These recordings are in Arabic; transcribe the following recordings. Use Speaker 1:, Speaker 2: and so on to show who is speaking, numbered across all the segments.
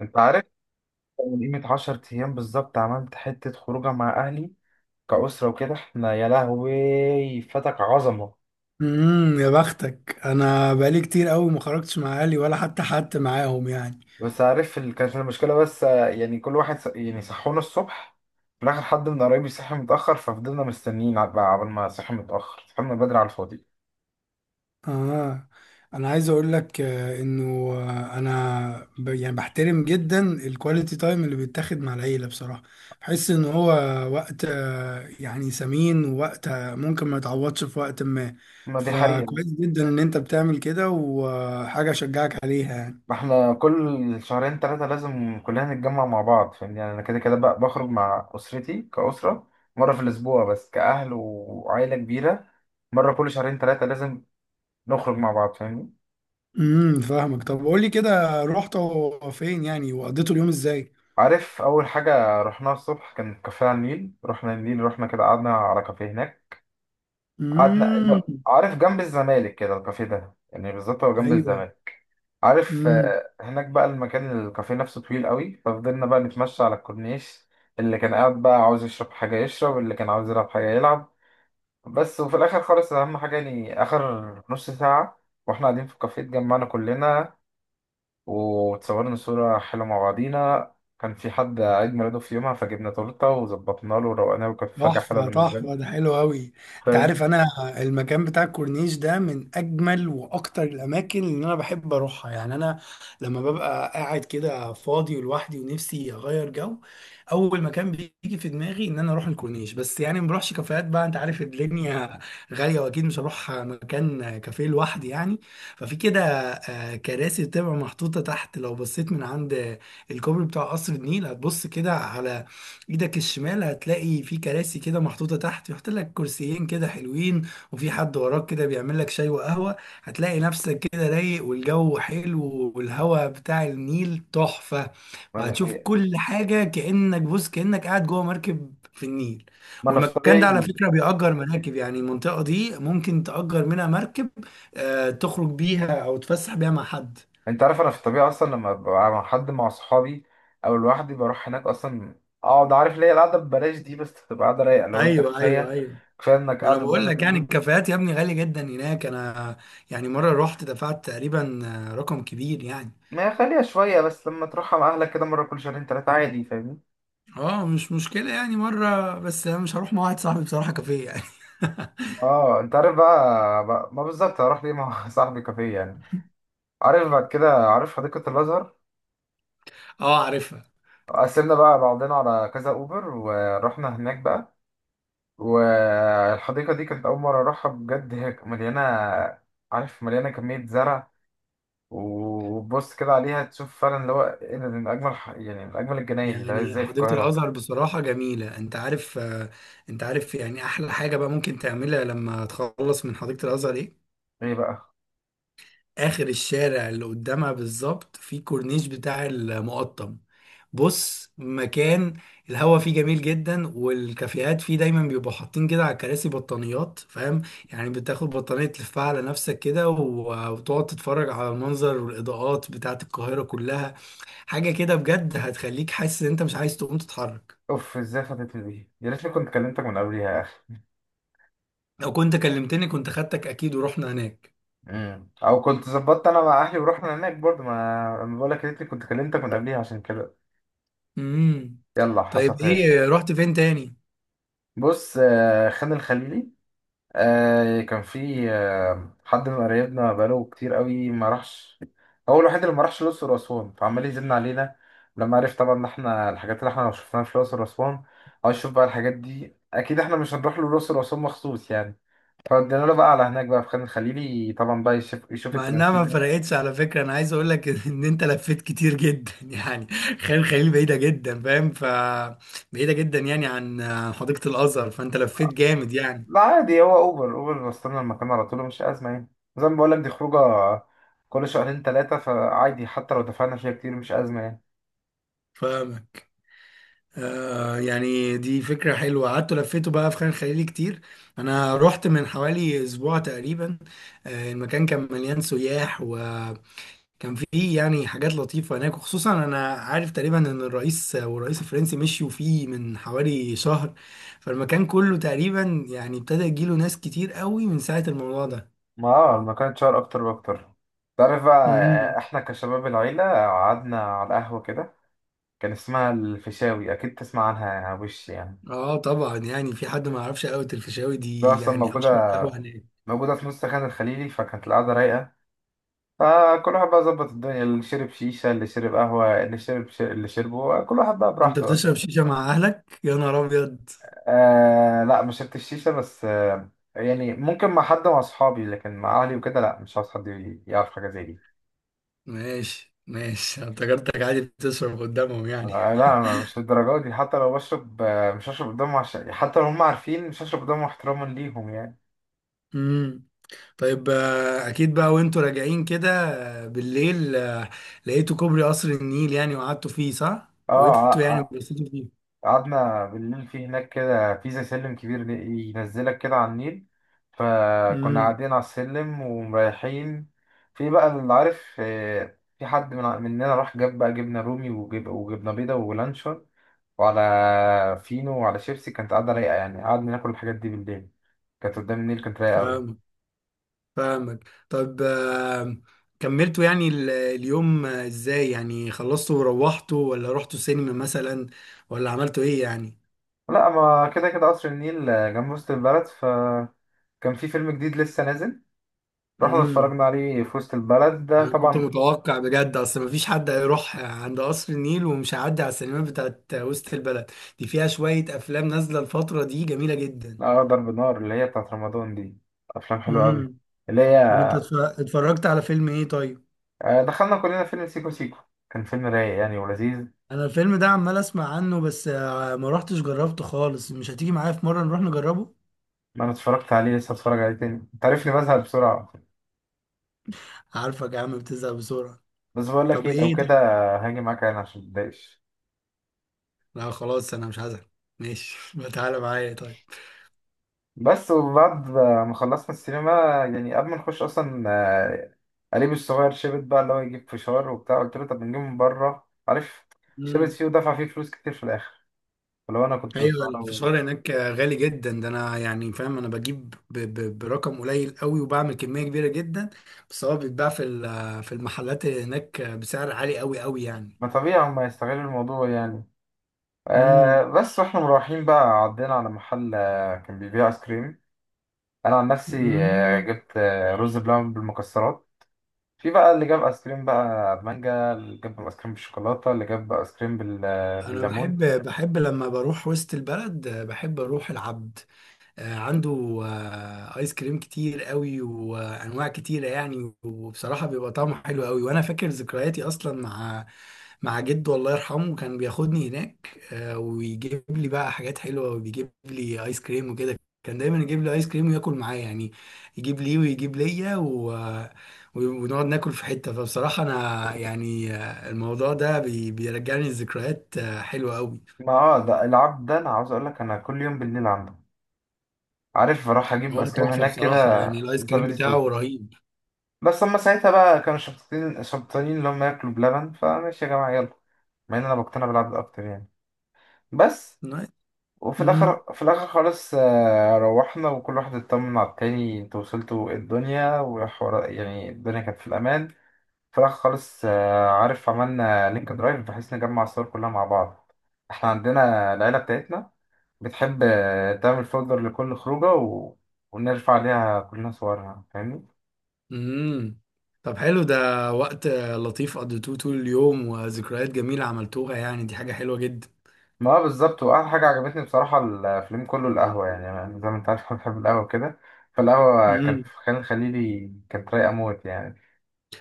Speaker 1: انت عارف، من قيمة 10 ايام بالظبط عملت حتة خروجة مع اهلي كأسرة وكده. احنا يا لهوي فتك عظمة.
Speaker 2: يا بختك، انا بقالي كتير قوي ما خرجتش مع اهلي ولا حتى معاهم يعني.
Speaker 1: بس عارف، كانت المشكلة بس، يعني كل واحد يعني صحونا الصبح. في الاخر حد من قرايبي صحي متأخر، ففضلنا مستنيين بقى، عبال ما صحي متأخر صحينا بدري على الفاضي.
Speaker 2: اه، انا عايز اقول لك انه انا يعني بحترم جدا الكواليتي تايم اللي بيتاخد مع العيله. بصراحه بحس ان هو وقت يعني ثمين، ووقت ممكن ما يتعوضش في وقت ما.
Speaker 1: ما دي حقيقة.
Speaker 2: فكويس جدا ان انت بتعمل كده، وحاجه اشجعك عليها يعني.
Speaker 1: ما احنا كل شهرين ثلاثة لازم كلنا نتجمع مع بعض، فاهمني؟ يعني انا كده كده بقى بخرج مع أسرتي كأسرة مرة في الأسبوع، بس كأهل وعائلة كبيرة مرة كل شهرين ثلاثة لازم نخرج مع بعض، فاهمني؟
Speaker 2: فاهمك. طب قول لي كده، رحت فين يعني وقضيتوا اليوم ازاي؟
Speaker 1: عارف اول حاجه رحناها الصبح كان كافيه على النيل. رحنا النيل، رحنا كده، قعدنا على كافيه هناك. قعدنا،
Speaker 2: امم.
Speaker 1: لا، عارف جنب الزمالك كده الكافيه ده، يعني بالظبط هو جنب
Speaker 2: ايوه.
Speaker 1: الزمالك. عارف،
Speaker 2: امم.
Speaker 1: هناك بقى المكان، الكافيه نفسه طويل قوي، ففضلنا بقى نتمشى على الكورنيش. اللي كان قاعد بقى عاوز يشرب حاجه يشرب، اللي كان عاوز يلعب حاجه يلعب. بس وفي الاخر خالص اهم حاجه يعني اخر نص ساعه واحنا قاعدين في الكافيه اتجمعنا كلنا، وتصورنا صورة حلوة مع بعضينا. كان في حد عيد ميلاده في يومها، فجبنا تورتة وظبطنا له وروقناه، وكانت فجأة حلوة
Speaker 2: تحفه
Speaker 1: بالنسبة
Speaker 2: تحفه، ده
Speaker 1: له،
Speaker 2: حلو قوي. انت
Speaker 1: فاهم؟
Speaker 2: عارف انا المكان بتاع الكورنيش ده من اجمل واكتر الاماكن اللي انا بحب اروحها يعني. انا لما ببقى قاعد كده فاضي ولوحدي ونفسي اغير جو، اول مكان بيجي في دماغي ان انا اروح الكورنيش. بس يعني ما بروحش كافيهات، بقى انت عارف الدنيا غاليه، واكيد مش هروح مكان كافيه لوحدي يعني. ففي كده كراسي بتبقى محطوطه تحت. لو بصيت من عند الكوبري بتاع قصر النيل، هتبص كده على ايدك الشمال، هتلاقي في كراسي كده محطوطة تحت، يحط لك كرسيين كده حلوين، وفي حد وراك كده بيعمل لك شاي وقهوة. هتلاقي نفسك كده رايق، والجو حلو، والهواء بتاع النيل تحفة.
Speaker 1: ما دي
Speaker 2: وهتشوف
Speaker 1: حقيقة.
Speaker 2: كل حاجة كأنك بص، كأنك قاعد جوه مركب في النيل.
Speaker 1: ما أنا في
Speaker 2: والمكان ده على
Speaker 1: طبيعي.
Speaker 2: فكرة بيأجر مراكب، يعني المنطقة دي ممكن تأجر منها مركب، تخرج بيها أو تفسح بيها مع حد.
Speaker 1: أنت عارف أنا في الطبيعي أصلا لما ببقى مع حد، مع صحابي أو لوحدي، بروح هناك أصلا أقعد. عارف ليه؟ القعدة ببلاش دي، بس تبقى قعدة رايقة لو أنت
Speaker 2: ايوه، ايوه،
Speaker 1: كفاية
Speaker 2: ايوه.
Speaker 1: كفاية إنك
Speaker 2: ما انا
Speaker 1: قاعد
Speaker 2: بقول
Speaker 1: قدام
Speaker 2: لك، يعني
Speaker 1: النيل.
Speaker 2: الكافيهات يا ابني غالي جدا هناك. انا يعني مره رحت دفعت تقريبا رقم كبير يعني.
Speaker 1: ما خليها شوية، بس لما تروحها مع أهلك كده مرة كل شهرين تلاتة عادي، فاهمني؟
Speaker 2: اه، مش مشكله يعني مره، بس انا مش هروح مع واحد صاحبي بصراحه كافيه يعني.
Speaker 1: اه، انت عارف بقى، ما بالظبط هروح ليه مع صاحبي كافيه يعني؟ عارف بعد كده، عارف حديقة الأزهر؟
Speaker 2: اه عارفها.
Speaker 1: قسمنا بقى بعضنا على كذا أوبر ورحنا هناك بقى. والحديقة دي كانت أول مرة أروحها بجد، هي مليانة، عارف؟ مليانة كمية زرع. وبص كده عليها تشوف فعلا اللي هو إيه ده، دي من أجمل يعني من أجمل الجناين اللي هي
Speaker 2: يعني
Speaker 1: إزاي في
Speaker 2: حديقه
Speaker 1: القاهرة.
Speaker 2: الازهر بصراحه جميله. انت عارف انت عارف يعني احلى حاجه بقى ممكن تعملها لما تخلص من حديقه الازهر ايه؟
Speaker 1: إيه بقى؟
Speaker 2: اخر الشارع اللي قدامها بالظبط في كورنيش بتاع المقطم. بص، مكان الهوا فيه جميل جدا، والكافيهات فيه دايما بيبقوا حاطين كده على الكراسي بطانيات. فاهم يعني، بتاخد بطانية تلفها على نفسك كده وتقعد تتفرج على المنظر والإضاءات بتاعة القاهرة كلها. حاجة كده بجد هتخليك حاسس ان انت مش عايز تقوم تتحرك.
Speaker 1: أوف، إزاي فاتتني دي؟ يا ريتني كنت كلمتك من قبليها يا أخي.
Speaker 2: لو كنت كلمتني كنت خدتك اكيد ورحنا هناك.
Speaker 1: مم. أو كنت ظبطت أنا مع أهلي ورحنا هناك برضه. ما أنا بقول لك يا ريتني كنت كلمتك من قبليها عشان كده.
Speaker 2: امم.
Speaker 1: يلا، حصل
Speaker 2: طيب
Speaker 1: خير.
Speaker 2: ايه، رحت فين تاني؟
Speaker 1: بص، خان الخليلي. كان في، حد من قرايبنا بقاله كتير قوي ما راحش. هو الوحيد اللي ما راحش الأقصر وأسوان، فعمال يزن علينا لما عرف طبعا إن إحنا الحاجات اللي إحنا ما شفناها في الأقصر وأسوان عايز أشوف بقى الحاجات دي. أكيد إحنا مش هنروح له الأقصر وأسوان مخصوص يعني، فودينا له بقى على هناك بقى في خان الخليلي، طبعا بقى يشوف يشوف
Speaker 2: مع انها
Speaker 1: التماثيل
Speaker 2: ما
Speaker 1: هناك.
Speaker 2: فرقتش على فكره. انا عايز اقول لك ان انت لفيت كتير جدا يعني. خان خليل بعيده جدا فاهم، ف بعيده جدا يعني عن حديقه الازهر، فانت لفيت جامد يعني.
Speaker 1: لا عادي، هو أوبر أوبر وصلنا المكان على طول، مش أزمة يعني. زي ما بقولك، دي خروجة كل شهرين تلاتة، فعادي حتى لو دفعنا فيها كتير مش أزمة يعني.
Speaker 2: فاهمك. آه يعني دي فكره حلوه. قعدت لفيته بقى في خان خليل كتير. انا رحت من حوالي اسبوع تقريبا. آه، المكان كان مليان سياح، و كان في يعني حاجات لطيفة هناك. وخصوصا أنا عارف تقريبا إن الرئيس والرئيس الفرنسي مشيوا فيه من حوالي شهر، فالمكان كله تقريبا يعني ابتدى يجيله ناس كتير قوي من ساعة الموضوع ده.
Speaker 1: ما اه، المكان اتشهر اكتر واكتر. تعرف بقى،
Speaker 2: امم.
Speaker 1: احنا كشباب العيلة قعدنا على قهوة كده، كان اسمها الفيشاوي. اكيد تسمع عنها وش يعني.
Speaker 2: اه طبعا، يعني في حد ما يعرفش قهوة الفيشاوي
Speaker 1: ده
Speaker 2: دي؟
Speaker 1: اصلا
Speaker 2: يعني أشهر قهوة هناك.
Speaker 1: موجودة في نص خان الخليلي. فكانت القعدة رايقة، فكل واحد بقى ظبط الدنيا، اللي شرب شيشة، اللي شرب قهوة، اللي شرب اللي شربه، كل واحد بقى
Speaker 2: أنت
Speaker 1: براحته بقى،
Speaker 2: بتشرب
Speaker 1: فاهم؟
Speaker 2: شيشة مع أهلك يا نهار أبيض؟
Speaker 1: آه لا، ما شربتش الشيشة، بس آه. يعني ممكن مع حد مع اصحابي، لكن مع اهلي وكده لا، مش عاوز حد يعرف حاجة زي دي.
Speaker 2: ماشي، ماشي، أنا افتكرتك عادي بتشرب قدامهم يعني.
Speaker 1: آه لا، مش للدرجة دي، حتى لو بشرب مش هشرب قدامهم، عشان حتى لو هم عارفين مش هشرب قدامهم احتراما ليهم يعني.
Speaker 2: امم. طيب اكيد بقى وانتوا راجعين كده بالليل، لقيتوا كوبري قصر النيل يعني، وقعدتوا فيه، صح؟
Speaker 1: اه،
Speaker 2: وقفتوا يعني وبصيتوا فيه.
Speaker 1: قعدنا بالليل في هناك كده، في زي سلم كبير ينزلك كده على النيل. فكنا
Speaker 2: امم.
Speaker 1: قاعدين على السلم ومريحين. في بقى اللي عارف، في حد من مننا راح جاب بقى جبنة رومي، وجبنة بيضة ولانشون، وعلى فينو وعلى شيبسي، كانت قاعدة رايقة يعني. قعدنا ناكل الحاجات دي بالليل كانت قدام النيل، كانت رايقة أوي.
Speaker 2: فاهمك، فاهمك. طب كملتوا يعني اليوم ازاي يعني؟ خلصتوا وروحتوا، ولا رحتوا سينما مثلا، ولا عملتوا ايه يعني؟
Speaker 1: لا، ما كده كده قصر النيل جنب وسط البلد، فكان في فيلم جديد لسه نازل، رحنا
Speaker 2: امم.
Speaker 1: اتفرجنا عليه في وسط البلد ده
Speaker 2: انا كنت
Speaker 1: طبعا.
Speaker 2: متوقع بجد، اصل مفيش حد هيروح عند قصر النيل ومش هيعدي على السينمات بتاعت وسط البلد. دي فيها شوية افلام نازلة الفترة دي جميلة جدا.
Speaker 1: أقدر بنار اللي هي بتاعت رمضان دي أفلام حلوة أوي اللي هي،
Speaker 2: طب انت اتفرجت على فيلم ايه طيب؟
Speaker 1: دخلنا كلنا فيلم سيكو سيكو، كان فيلم رايق يعني ولذيذ.
Speaker 2: انا الفيلم ده عمال اسمع عنه، بس ما روحتش جربته خالص. مش هتيجي معايا في مرة نروح نجربه؟
Speaker 1: أنا اتفرجت عليه، لسه اتفرج عليه تاني. أنت عارفني بزهق بسرعة،
Speaker 2: عارفك يا عم بتزهق بسرعة.
Speaker 1: بس بقول لك
Speaker 2: طب
Speaker 1: إيه؟ لو
Speaker 2: ايه
Speaker 1: كده
Speaker 2: طيب؟
Speaker 1: هاجي معاك أنا عشان متضايقش.
Speaker 2: لا خلاص، انا مش هزهق. ماشي ما تعالى معايا طيب.
Speaker 1: بس وبعد ما خلصنا السينما، يعني قبل ما نخش اصلا، قريبي الصغير شبت بقى اللي هو يجيب فشار وبتاع، قلت له طب نجيب من بره، عارف؟ شبت
Speaker 2: مم.
Speaker 1: فيه ودفع فيه فلوس كتير في الاخر، فلو انا كنت
Speaker 2: ايوه،
Speaker 1: مستغرب يعني.
Speaker 2: الفشار هناك غالي جدا. ده انا يعني فاهم، انا بجيب ب ب برقم قليل قوي وبعمل كمية كبيرة جدا. بس هو بيتباع في في المحلات هناك بسعر عالي قوي قوي يعني.
Speaker 1: ما طبيعي هما يستغلوا الموضوع يعني.
Speaker 2: امم.
Speaker 1: آه بس واحنا مروحين بقى عدينا على محل، كان بيبيع ايس كريم. انا عن نفسي جبت رز بلبن بالمكسرات. في بقى اللي جاب ايس كريم بقى مانجا، اللي جاب ايس كريم بالشوكولاته، اللي جاب ايس كريم
Speaker 2: انا
Speaker 1: بالليمون.
Speaker 2: بحب، لما بروح وسط البلد بحب اروح العبد. عنده ايس كريم كتير قوي وانواع كتيره يعني، وبصراحه بيبقى طعمه حلو قوي. وانا فاكر ذكرياتي اصلا مع مع جده، الله يرحمه. كان بياخدني هناك ويجيب لي بقى حاجات حلوه، وبيجيب لي ايس كريم وكده، كان دايما يجيب لي ايس كريم وياكل معايا يعني. يجيب لي ويجيب ليا ونقعد ناكل في حته. فبصراحه انا يعني الموضوع ده بيرجعني لذكريات حلوه قوي.
Speaker 1: ما اه، ده العب ده، انا عاوز اقول لك انا كل يوم بالليل عنده، عارف، بروح اجيب
Speaker 2: هو
Speaker 1: ايس كريم
Speaker 2: تحفه
Speaker 1: هناك كده.
Speaker 2: بصراحه، يعني الايس كريم
Speaker 1: زبادي
Speaker 2: بتاعه
Speaker 1: توت.
Speaker 2: رهيب.
Speaker 1: بس هما ساعتها بقى كانوا شبطتين شبطانين اللي هم ياكلوا بلبن، فماشي يا جماعه يلا. مع ان انا بقتنع بالعبد اكتر يعني. بس. وفي
Speaker 2: امم.
Speaker 1: الاخر في الاخر خالص، روحنا وكل واحد اطمن على التاني. انتوا وصلتوا؟ إيه الدنيا وحوار، يعني الدنيا كانت في الامان. في الاخر خالص، عارف، عملنا لينك درايف بحيث نجمع الصور كلها مع بعض. احنا عندنا العيله بتاعتنا بتحب تعمل فولدر لكل خروجة، ونرفع عليها كلنا صورها، فاهمني؟
Speaker 2: امم. طب حلو ده. وقت لطيف قضيتوه طول اليوم، وذكريات جميلة عملتوها يعني، دي حاجة حلوة
Speaker 1: ما هو بالظبط. وأحلى حاجة عجبتني بصراحة الفيلم كله القهوة، يعني أنا زي ما أنت عارف أنا بحب القهوة كده، فالقهوة كانت
Speaker 2: جدا.
Speaker 1: في خان الخليلي كانت رايقة موت يعني.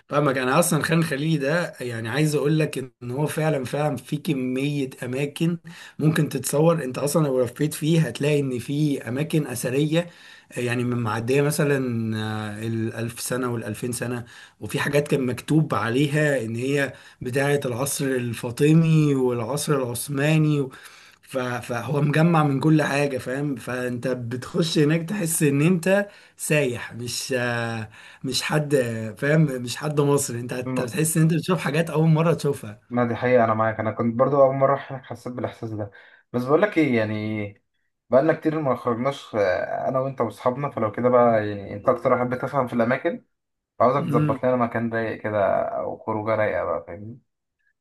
Speaker 2: فاهمك. انا اصلا خان خليلي ده يعني عايز اقول لك ان هو فعلا، فعلا في كميه اماكن ممكن تتصور. انت اصلا لو لفيت فيه هتلاقي ان في اماكن اثريه يعني من معديه مثلا الالف سنه والالفين سنه. وفي حاجات كان مكتوب عليها ان هي بتاعه العصر الفاطمي والعصر العثماني فهو مجمع من كل حاجه فاهم. فانت بتخش هناك تحس ان انت سايح، مش مش حد فاهم، مش حد مصري. انت
Speaker 1: م-
Speaker 2: هتحس ان انت بتشوف حاجات اول مره تشوفها.
Speaker 1: ما دي حقيقة، أنا معاك. أنا كنت برضو أول مرة أروح هناك حسيت بالإحساس ده. بس بقولك إيه يعني؟ بقالنا كتير ما خرجناش، أنا وأنت وأصحابنا، فلو كده بقى يعني أنت أكتر واحد بتفهم في الأماكن، فعاوزك
Speaker 2: امم.
Speaker 1: تظبط لنا مكان رايق كده أو خروجة رايقة بقى، فاهمني؟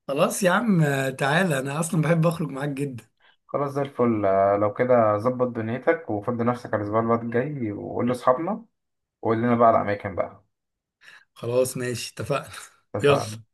Speaker 2: خلاص يا عم، تعالى. انا اصلا بحب اخرج معاك جدا.
Speaker 1: خلاص، زي الفل. لو كده ظبط دنيتك وفضي نفسك على الأسبوع اللي الجاي، وقول لأصحابنا وقول لنا بقى على الأماكن بقى.
Speaker 2: خلاص، ماشي، اتفقنا يلا.
Speaker 1: اتفقنا.